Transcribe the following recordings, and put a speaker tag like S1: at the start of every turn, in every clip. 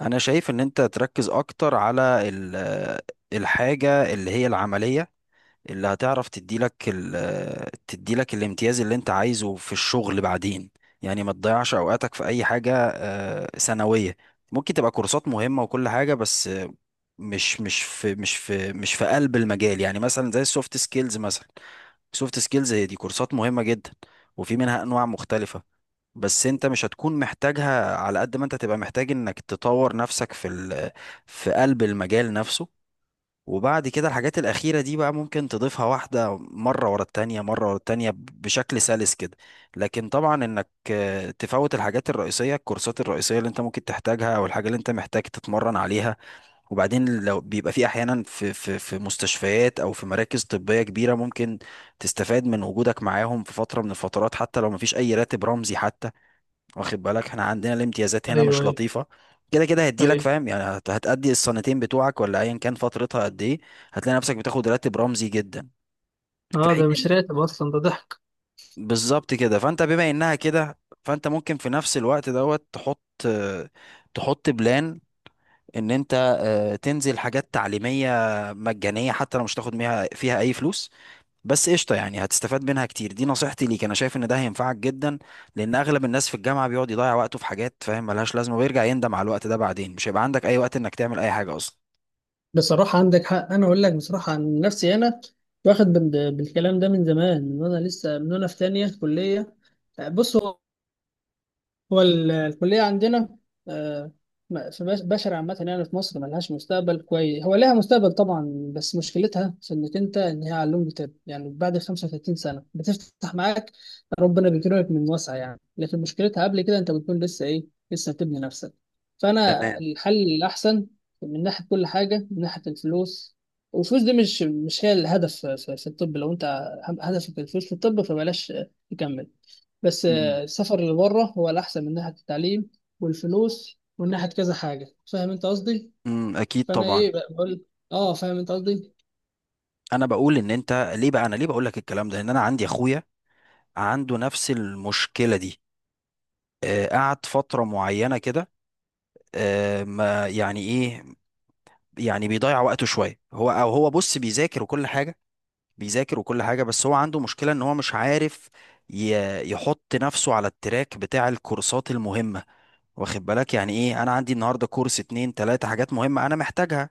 S1: انا شايف ان انت تركز اكتر على ال- آه، الحاجة اللي هي العملية اللي هتعرف تديلك تديلك الامتياز اللي انت عايزه في الشغل بعدين، يعني ما تضيعش اوقاتك في اي حاجة ثانوية. ممكن تبقى كورسات مهمة وكل حاجة، بس مش في قلب المجال، يعني مثلا زي السوفت سكيلز مثلا. سوفت سكيلز هي دي كورسات مهمة جدا، وفي منها انواع مختلفة. بس انت مش هتكون محتاجها على قد ما انت تبقى محتاج انك تطور نفسك في قلب المجال نفسه. وبعد كده الحاجات الأخيرة دي بقى ممكن تضيفها واحدة مرة ورا التانية مرة ورا التانية بشكل سلس كده. لكن طبعا انك تفوت الحاجات الرئيسية، الكورسات الرئيسية اللي انت ممكن تحتاجها او الحاجة اللي انت محتاج تتمرن عليها. وبعدين لو بيبقى في احيانا في مستشفيات او في مراكز طبية كبيرة، ممكن تستفاد من وجودك معاهم في فترة من الفترات، حتى لو مفيش اي راتب رمزي حتى. واخد بالك احنا عندنا الامتيازات هنا
S2: ايوه،
S1: مش
S2: ايوه،
S1: لطيفة كده كده، هدي لك
S2: ايوه،
S1: فاهم، يعني هتأدي السنتين بتوعك ولا ايا كان فترتها قد ايه، هتلاقي نفسك بتاخد راتب رمزي جدا. في
S2: اه،
S1: حين
S2: ده مش
S1: إن-
S2: راتب اصلا، ده ضحك.
S1: بالظبط كده، فانت بما انها كده، فانت ممكن في نفس الوقت دوت تحط، تحط بلان ان انت تنزل حاجات تعليمية مجانية، حتى لو مش تاخد فيها اي فلوس. بس قشطة، يعني هتستفاد منها كتير. دي نصيحتي ليك، انا شايف ان ده هينفعك جدا، لان اغلب الناس في الجامعة بيقعد يضيع وقته في حاجات فاهم ملهاش لازمة، ويرجع يندم على الوقت ده بعدين، مش هيبقى عندك اي وقت انك تعمل اي حاجة اصلا.
S2: بصراحة عندك حق، أنا أقول لك بصراحة عن نفسي. أنا واخد بالكلام ده من زمان، من وأنا لسه من وأنا في تانية كلية. بص، هو الكلية عندنا، آه، في بشر عامة، يعني في مصر ملهاش مستقبل كويس. هو لها مستقبل طبعا، بس مشكلتها في إنك أنت، إن هي علوم جداب يعني بعد 35 سنة بتفتح معاك. ربنا بيكرمك من واسع يعني، لكن مشكلتها قبل كده أنت بتكون لسه إيه؟ لسه بتبني نفسك. فأنا
S1: تمام.
S2: الحل الأحسن من ناحية كل حاجة، من ناحية الفلوس. والفلوس دي مش هي الهدف في الطب. لو أنت هدفك الفلوس في الطب فبلاش تكمل. بس
S1: امم.
S2: السفر اللي بره هو الأحسن من ناحية التعليم والفلوس ومن ناحية كذا حاجة. فاهم أنت قصدي؟
S1: أمم، اكيد
S2: فأنا
S1: طبعا.
S2: إيه بقى بقول؟ أه، فاهم أنت قصدي؟
S1: انا بقول ان انت ليه بقى، انا ليه بقول لك الكلام ده، لان انا عندي اخويا عنده نفس المشكله دي. آه قعد فتره معينه كده، آه ما يعني ايه، يعني بيضيع وقته شويه. هو او هو بص بيذاكر وكل حاجه، بيذاكر وكل حاجة، بس هو عنده مشكلة ان هو مش عارف يحط نفسه على التراك بتاع الكورسات المهمة. واخد بالك، يعني ايه انا عندي النهاردة كورس، اتنين تلاتة حاجات مهمة انا محتاجها،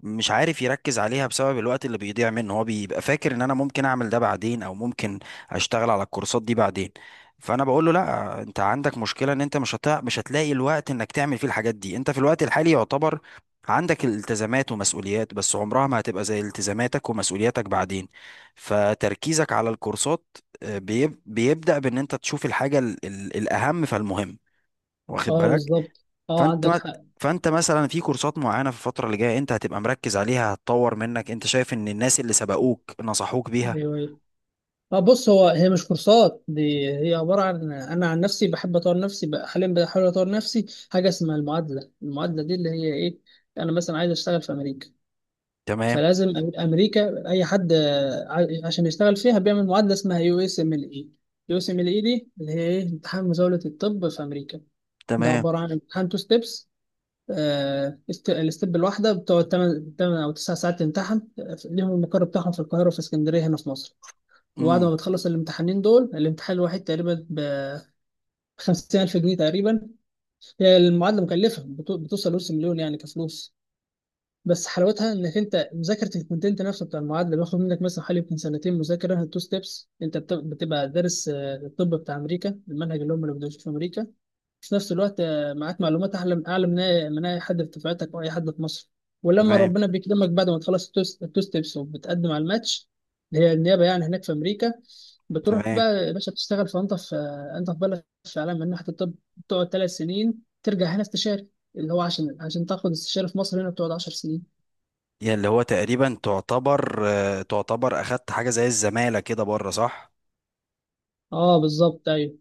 S1: مش عارف يركز عليها بسبب الوقت اللي بيضيع منه. هو بيبقى فاكر ان انا ممكن اعمل ده بعدين، او ممكن اشتغل على الكورسات دي بعدين. فانا بقول له لا، انت عندك مشكلة ان انت مش هتلاقي الوقت انك تعمل فيه الحاجات دي. انت في الوقت الحالي يعتبر عندك الالتزامات ومسؤوليات، بس عمرها ما هتبقى زي التزاماتك ومسؤولياتك بعدين. فتركيزك على الكورسات بيبدأ بان انت تشوف الحاجة الاهم فالمهم. واخد
S2: أه،
S1: بالك.
S2: بالظبط. أه،
S1: فانت
S2: عندك
S1: ما
S2: حق.
S1: فانت مثلا في كورسات معينه في الفتره اللي جايه انت هتبقى مركز عليها، هتطور منك، انت شايف ان الناس اللي سبقوك نصحوك بيها.
S2: أيوه، أيوه. أه، بص، هو هي مش كورسات دي، هي عبارة عن أنا عن نفسي بحب أطور نفسي. بقى حاليا بحاول أطور نفسي حاجة اسمها المعادلة. المعادلة دي اللي هي إيه؟ أنا مثلا عايز أشتغل في أمريكا.
S1: تمام
S2: فلازم امريكا، اي حد عشان يشتغل فيها بيعمل معادله اسمها يو اس ام ال اي. يو اس ام ال اي دي اللي هي ايه؟ امتحان مزاوله الطب في امريكا. ده
S1: تمام.
S2: عباره عن امتحان تو ستيبس. الستيب الواحده بتقعد 8 او 9 ساعات تمتحن. ليهم المقر بتاعهم في القاهره وفي اسكندريه هنا في مصر. وبعد ما
S1: امم.
S2: بتخلص الامتحانين دول، الامتحان الواحد تقريبا ب 50,000 جنيه تقريبا. هي المعادله مكلفه، بتوصل نص مليون يعني كفلوس. بس حلاوتها انك انت مذاكره الكونتنت نفسه بتاع المعادله بياخد منك مثلا حوالي يمكن سنتين. مذاكره تو ستيبس انت بتبقى دارس الطب بتاع امريكا، المنهج اللي هم اللي بيدرسوه في امريكا. في نفس الوقت معاك معلومات اعلى اعلى من اي من أي حد في دفعتك او اي حد في مصر. ولما
S1: تمام
S2: ربنا بيكرمك بعد ما تخلص التو ستيبس وبتقدم على الماتش، اللي هي النيابه يعني هناك في امريكا، بتروح
S1: تمام.
S2: بقى يا باشا بتشتغل في انت في انت في بلد في عالم من ناحيه الطب. بتقعد 3 سنين ترجع هنا استشاري. اللي هو عشان تاخد استشاري في مصر هنا بتقعد 10 سنين.
S1: يعني اللي هو تقريبا تعتبر تعتبر اخدت حاجه زي الزماله كده بره، صح.
S2: اه، بالظبط. ايوه،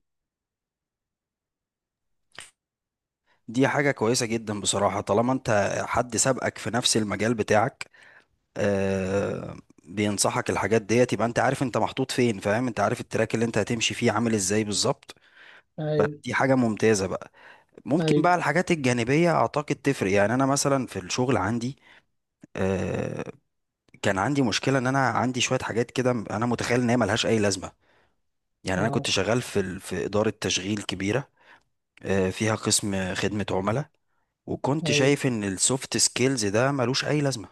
S1: دي حاجه كويسه جدا بصراحه، طالما انت حد سبقك في نفس المجال بتاعك آه، بينصحك الحاجات ديت، يبقى انت عارف انت محطوط فين، فاهم، انت عارف التراك اللي انت هتمشي فيه عامل ازاي بالظبط.
S2: ايوه،
S1: فدي حاجه ممتازه بقى. ممكن
S2: ايوه،
S1: بقى الحاجات الجانبية أعتقد تفرق. يعني أنا مثلا في الشغل عندي آه، كان عندي مشكلة إن أنا عندي شوية حاجات كده، أنا متخيل إن هي ملهاش أي لازمة. يعني أنا
S2: اه،
S1: كنت شغال في في إدارة تشغيل كبيرة فيها قسم خدمة عملاء. وكنت
S2: ايوه.
S1: شايف إن السوفت سكيلز ده ملوش أي لازمة،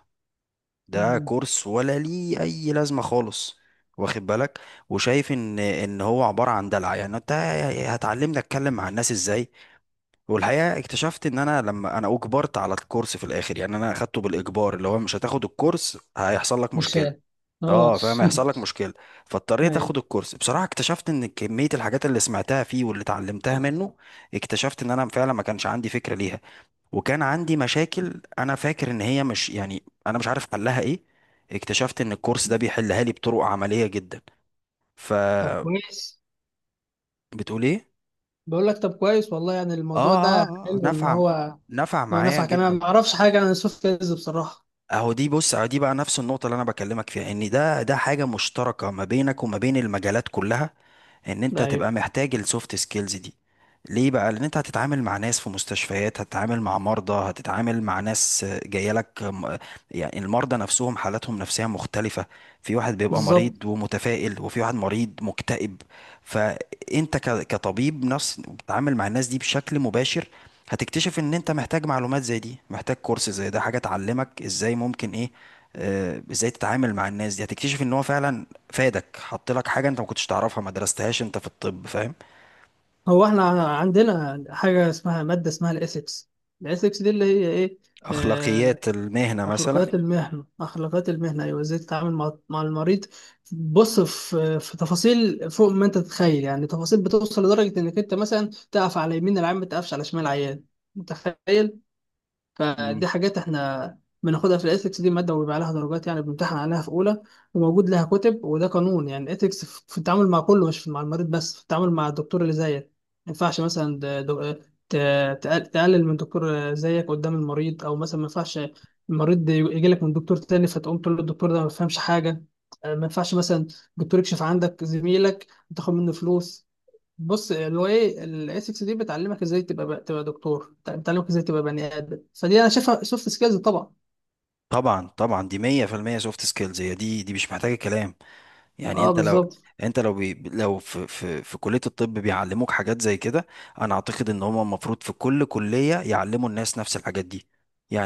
S1: ده
S2: مم.
S1: كورس، ولا ليه أي لازمة خالص. واخد بالك. وشايف إن هو عبارة عن دلع، يعني أنت هتعلمني أتكلم مع الناس إزاي. والحقيقة اكتشفت ان انا لما اجبرت على الكورس في الاخر، يعني انا اخدته بالاجبار، اللي هو مش هتاخد الكورس هيحصل لك مشكلة.
S2: مثال. اه.
S1: اه فاهم، هيحصل لك مشكلة. فاضطريت
S2: ايوه.
S1: اخد الكورس. بصراحة اكتشفت ان كمية الحاجات اللي سمعتها فيه واللي اتعلمتها منه، اكتشفت ان انا فعلا ما كانش عندي فكرة ليها. وكان عندي مشاكل انا فاكر ان هي مش، يعني انا مش عارف حلها ايه، اكتشفت ان الكورس ده بيحلها لي بطرق عملية جدا.
S2: طب
S1: فبتقول
S2: كويس.
S1: ايه.
S2: بقول لك طب كويس والله، يعني الموضوع
S1: اه.
S2: ده
S1: اه اه
S2: حلو، ان
S1: نفع،
S2: هو
S1: نفع معايا
S2: نفعك. انا
S1: جدا.
S2: ما اعرفش حاجه عن السوفت ويرز بصراحه.
S1: اهو دي بص، اهو دي بقى نفس النقطة اللي انا بكلمك فيها، ان ده حاجة مشتركة ما بينك وما بين المجالات كلها، ان انت
S2: ده ايوه،
S1: تبقى محتاج السوفت سكيلز دي. ليه بقى، لان انت هتتعامل مع ناس في مستشفيات، هتتعامل مع مرضى، هتتعامل مع ناس جايه لك يعني المرضى نفسهم حالاتهم نفسية مختلفة، في واحد بيبقى
S2: بالظبط.
S1: مريض ومتفائل، وفي واحد مريض مكتئب. فانت كطبيب نفس بتتعامل مع الناس دي بشكل مباشر. هتكتشف ان انت محتاج معلومات زي دي، محتاج كورس زي ده، حاجة تعلمك ازاي ممكن ايه، ازاي تتعامل مع الناس دي. هتكتشف ان هو فعلا فادك، حط لك حاجة انت ما كنتش تعرفها، ما درستهاش انت في الطب، فاهم.
S2: هو احنا عندنا حاجه اسمها ماده اسمها الاثكس. الاثكس دي اللي هي ايه؟ آه،
S1: اخلاقيات المهنة مثلا.
S2: أخلاقيات المهنة. أخلاقيات المهنة، أيوة. إزاي تتعامل مع المريض؟ بص، في تفاصيل فوق ما أنت تتخيل، يعني تفاصيل بتوصل لدرجة إنك أنت مثلا تقف على يمين العيان، ما تقفش على شمال العيان. متخيل؟
S1: مم.
S2: فدي حاجات احنا بناخدها في الإثكس، دي مادة وبيبقى عليها درجات، يعني بنمتحن عليها في أولى وموجود لها كتب، وده قانون يعني الإثكس في التعامل مع كله، مش مع المريض بس، في التعامل مع الدكتور اللي زيك. ما ينفعش مثلا تقلل من دكتور زيك قدام المريض، أو مثلا ما ينفعش المريض يجي لك من دكتور تاني فتقوم تقول له الدكتور ده ما بيفهمش حاجة. ما ينفعش مثلا دكتور يكشف عندك زميلك وتاخد منه فلوس. بص، هو ايه الاي 6 دي؟ بتعلمك ازاي تبقى دكتور، بتعلمك ازاي تبقى بني ادم. فدي انا شايفها سوفت سكيلز طبعا.
S1: طبعا طبعا، دي 100% سوفت سكيلز، هي دي مش محتاجة كلام. يعني
S2: اه، بالظبط.
S1: انت لو لو في كلية الطب بيعلموك حاجات زي كده، انا اعتقد ان هم المفروض في كل كلية يعلموا الناس نفس الحاجات دي.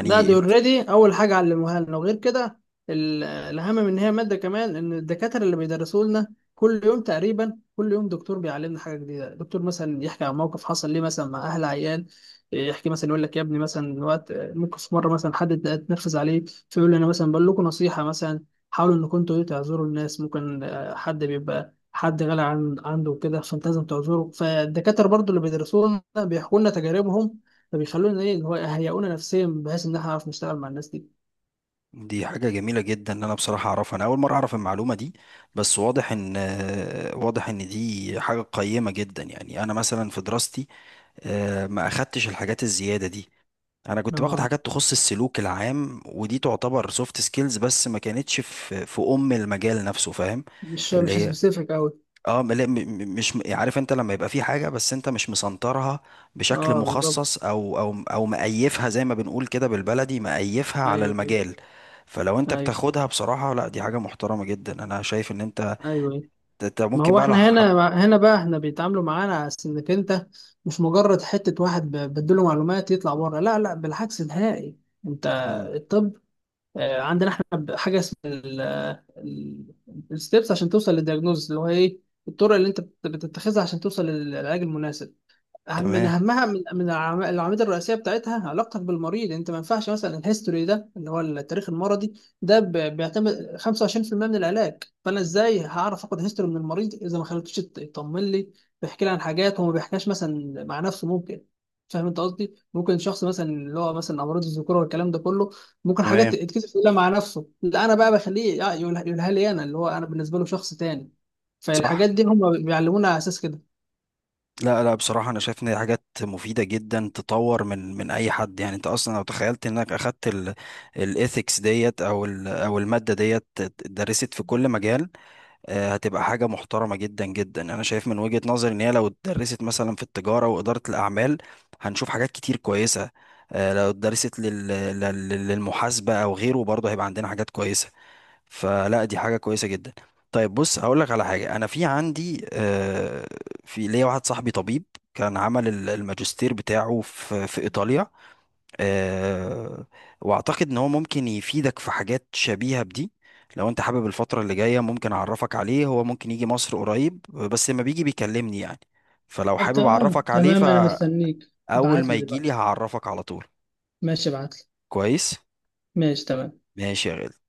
S2: ده دي اوريدي اول حاجه علموها لنا. وغير كده الاهم من هي ماده كمان ان الدكاتره اللي بيدرسوا لنا كل يوم تقريبا، كل يوم دكتور بيعلمنا حاجه جديده. دكتور مثلا يحكي عن موقف حصل ليه مثلا مع اهل عيان، يحكي مثلا يقول لك يا ابني مثلا وقت ممكن في مره مثلا حد اتنرفز عليه فيقول لي، انا مثلا بقول لكم نصيحه مثلا حاولوا انكم انتوا إيه، تعذروا الناس ممكن حد بيبقى حد غالي عن عنده كده فانت لازم تعذره. فالدكاتره برضو اللي بيدرسوا لنا بيحكوا لنا تجاربهم، فبيخلونا ايه اللي هو يهيئونا نفسيا بحيث ان احنا نعرف نشتغل مع الناس دي.
S1: دي حاجة جميلة جدا. ان انا بصراحة اعرفها، انا اول مرة اعرف المعلومة دي. بس واضح ان دي حاجة قيمة جدا. يعني انا مثلا في دراستي ما اخدتش الحاجات الزيادة دي. انا كنت باخد
S2: اه،
S1: حاجات تخص السلوك العام، ودي تعتبر سوفت سكيلز، بس ما كانتش في ام المجال نفسه، فاهم. اللي
S2: مش
S1: هي،
S2: سبيسيفيك قوي.
S1: اه، لا، مش يعني عارف انت لما يبقى في حاجه بس انت مش مسنطرها بشكل
S2: اه، بالظبط.
S1: مخصص، او مقيفها زي ما بنقول كده بالبلدي، مقيفها على
S2: ايوه، ايوه،
S1: المجال. فلو انت
S2: ايوه،
S1: بتاخدها بصراحه، لا دي حاجه محترمه جدا، انا شايف ان انت،
S2: ايوه، ايوه.
S1: انت
S2: ما
S1: ممكن
S2: هو
S1: بقى لو
S2: احنا
S1: حب.
S2: هنا، بقى احنا بيتعاملوا معانا على أساس انك انت مش مجرد حته واحد بديله معلومات يطلع بره. لا، لا، بالعكس نهائي. انت
S1: مم،
S2: الطب عندنا احنا حاجه اسمها الستبس عشان توصل للدياجنوز. اللي هو ايه؟ الطرق اللي انت بتتخذها عشان توصل للعلاج المناسب. أهم من
S1: تمام
S2: أهمها من العواميد الرئيسية بتاعتها علاقتك بالمريض. أنت ما ينفعش مثلا الهيستوري ده اللي هو التاريخ المرضي ده بيعتمد 25% من العلاج. فأنا إزاي هعرف آخد هيستوري من المريض إذا ما خليتوش يطمن لي، بيحكي لي عن حاجات هو ما بيحكيهاش مثلا مع نفسه ممكن. فاهم أنت قصدي؟ ممكن شخص مثلا اللي هو مثلا أمراض الذكورة والكلام ده كله ممكن حاجات
S1: تمام.
S2: يتكتب يقولها مع نفسه، لا أنا بقى بخليه يقولها، يقولها لي أنا، اللي هو أنا بالنسبة له شخص تاني.
S1: صح.
S2: فالحاجات دي هم بيعلمونا على أساس كده.
S1: لا لا بصراحه، انا شايف ان دي حاجات مفيده جدا، تطور من اي حد، يعني انت اصلا لو تخيلت انك اخدت الايثكس ديت، او الماده ديت اتدرست في كل مجال هتبقى حاجة محترمة جدا جدا. أنا شايف من وجهة نظري إن هي لو اتدرست مثلا في التجارة وإدارة الأعمال هنشوف حاجات كتير كويسة. لو اتدرست للمحاسبة أو غيره برضه هيبقى عندنا حاجات كويسة. فلا دي حاجة كويسة جدا. طيب بص هقول لك على حاجة. أنا في عندي في ليا واحد صاحبي طبيب، كان عمل الماجستير بتاعه في إيطاليا آه، واعتقد ان هو ممكن يفيدك في حاجات شبيهة بدي. لو انت حابب الفترة اللي جاية ممكن اعرفك عليه. هو ممكن يجي مصر قريب بس لما بيجي بيكلمني يعني. فلو
S2: طب
S1: حابب
S2: تمام،
S1: اعرفك عليه،
S2: تمام، انا
S1: فاول
S2: مستنيك ابعت
S1: ما
S2: لي
S1: يجي لي
S2: دلوقتي.
S1: هعرفك على طول.
S2: ماشي، ابعت لي.
S1: كويس.
S2: ماشي تمام.
S1: ماشي يا غالي.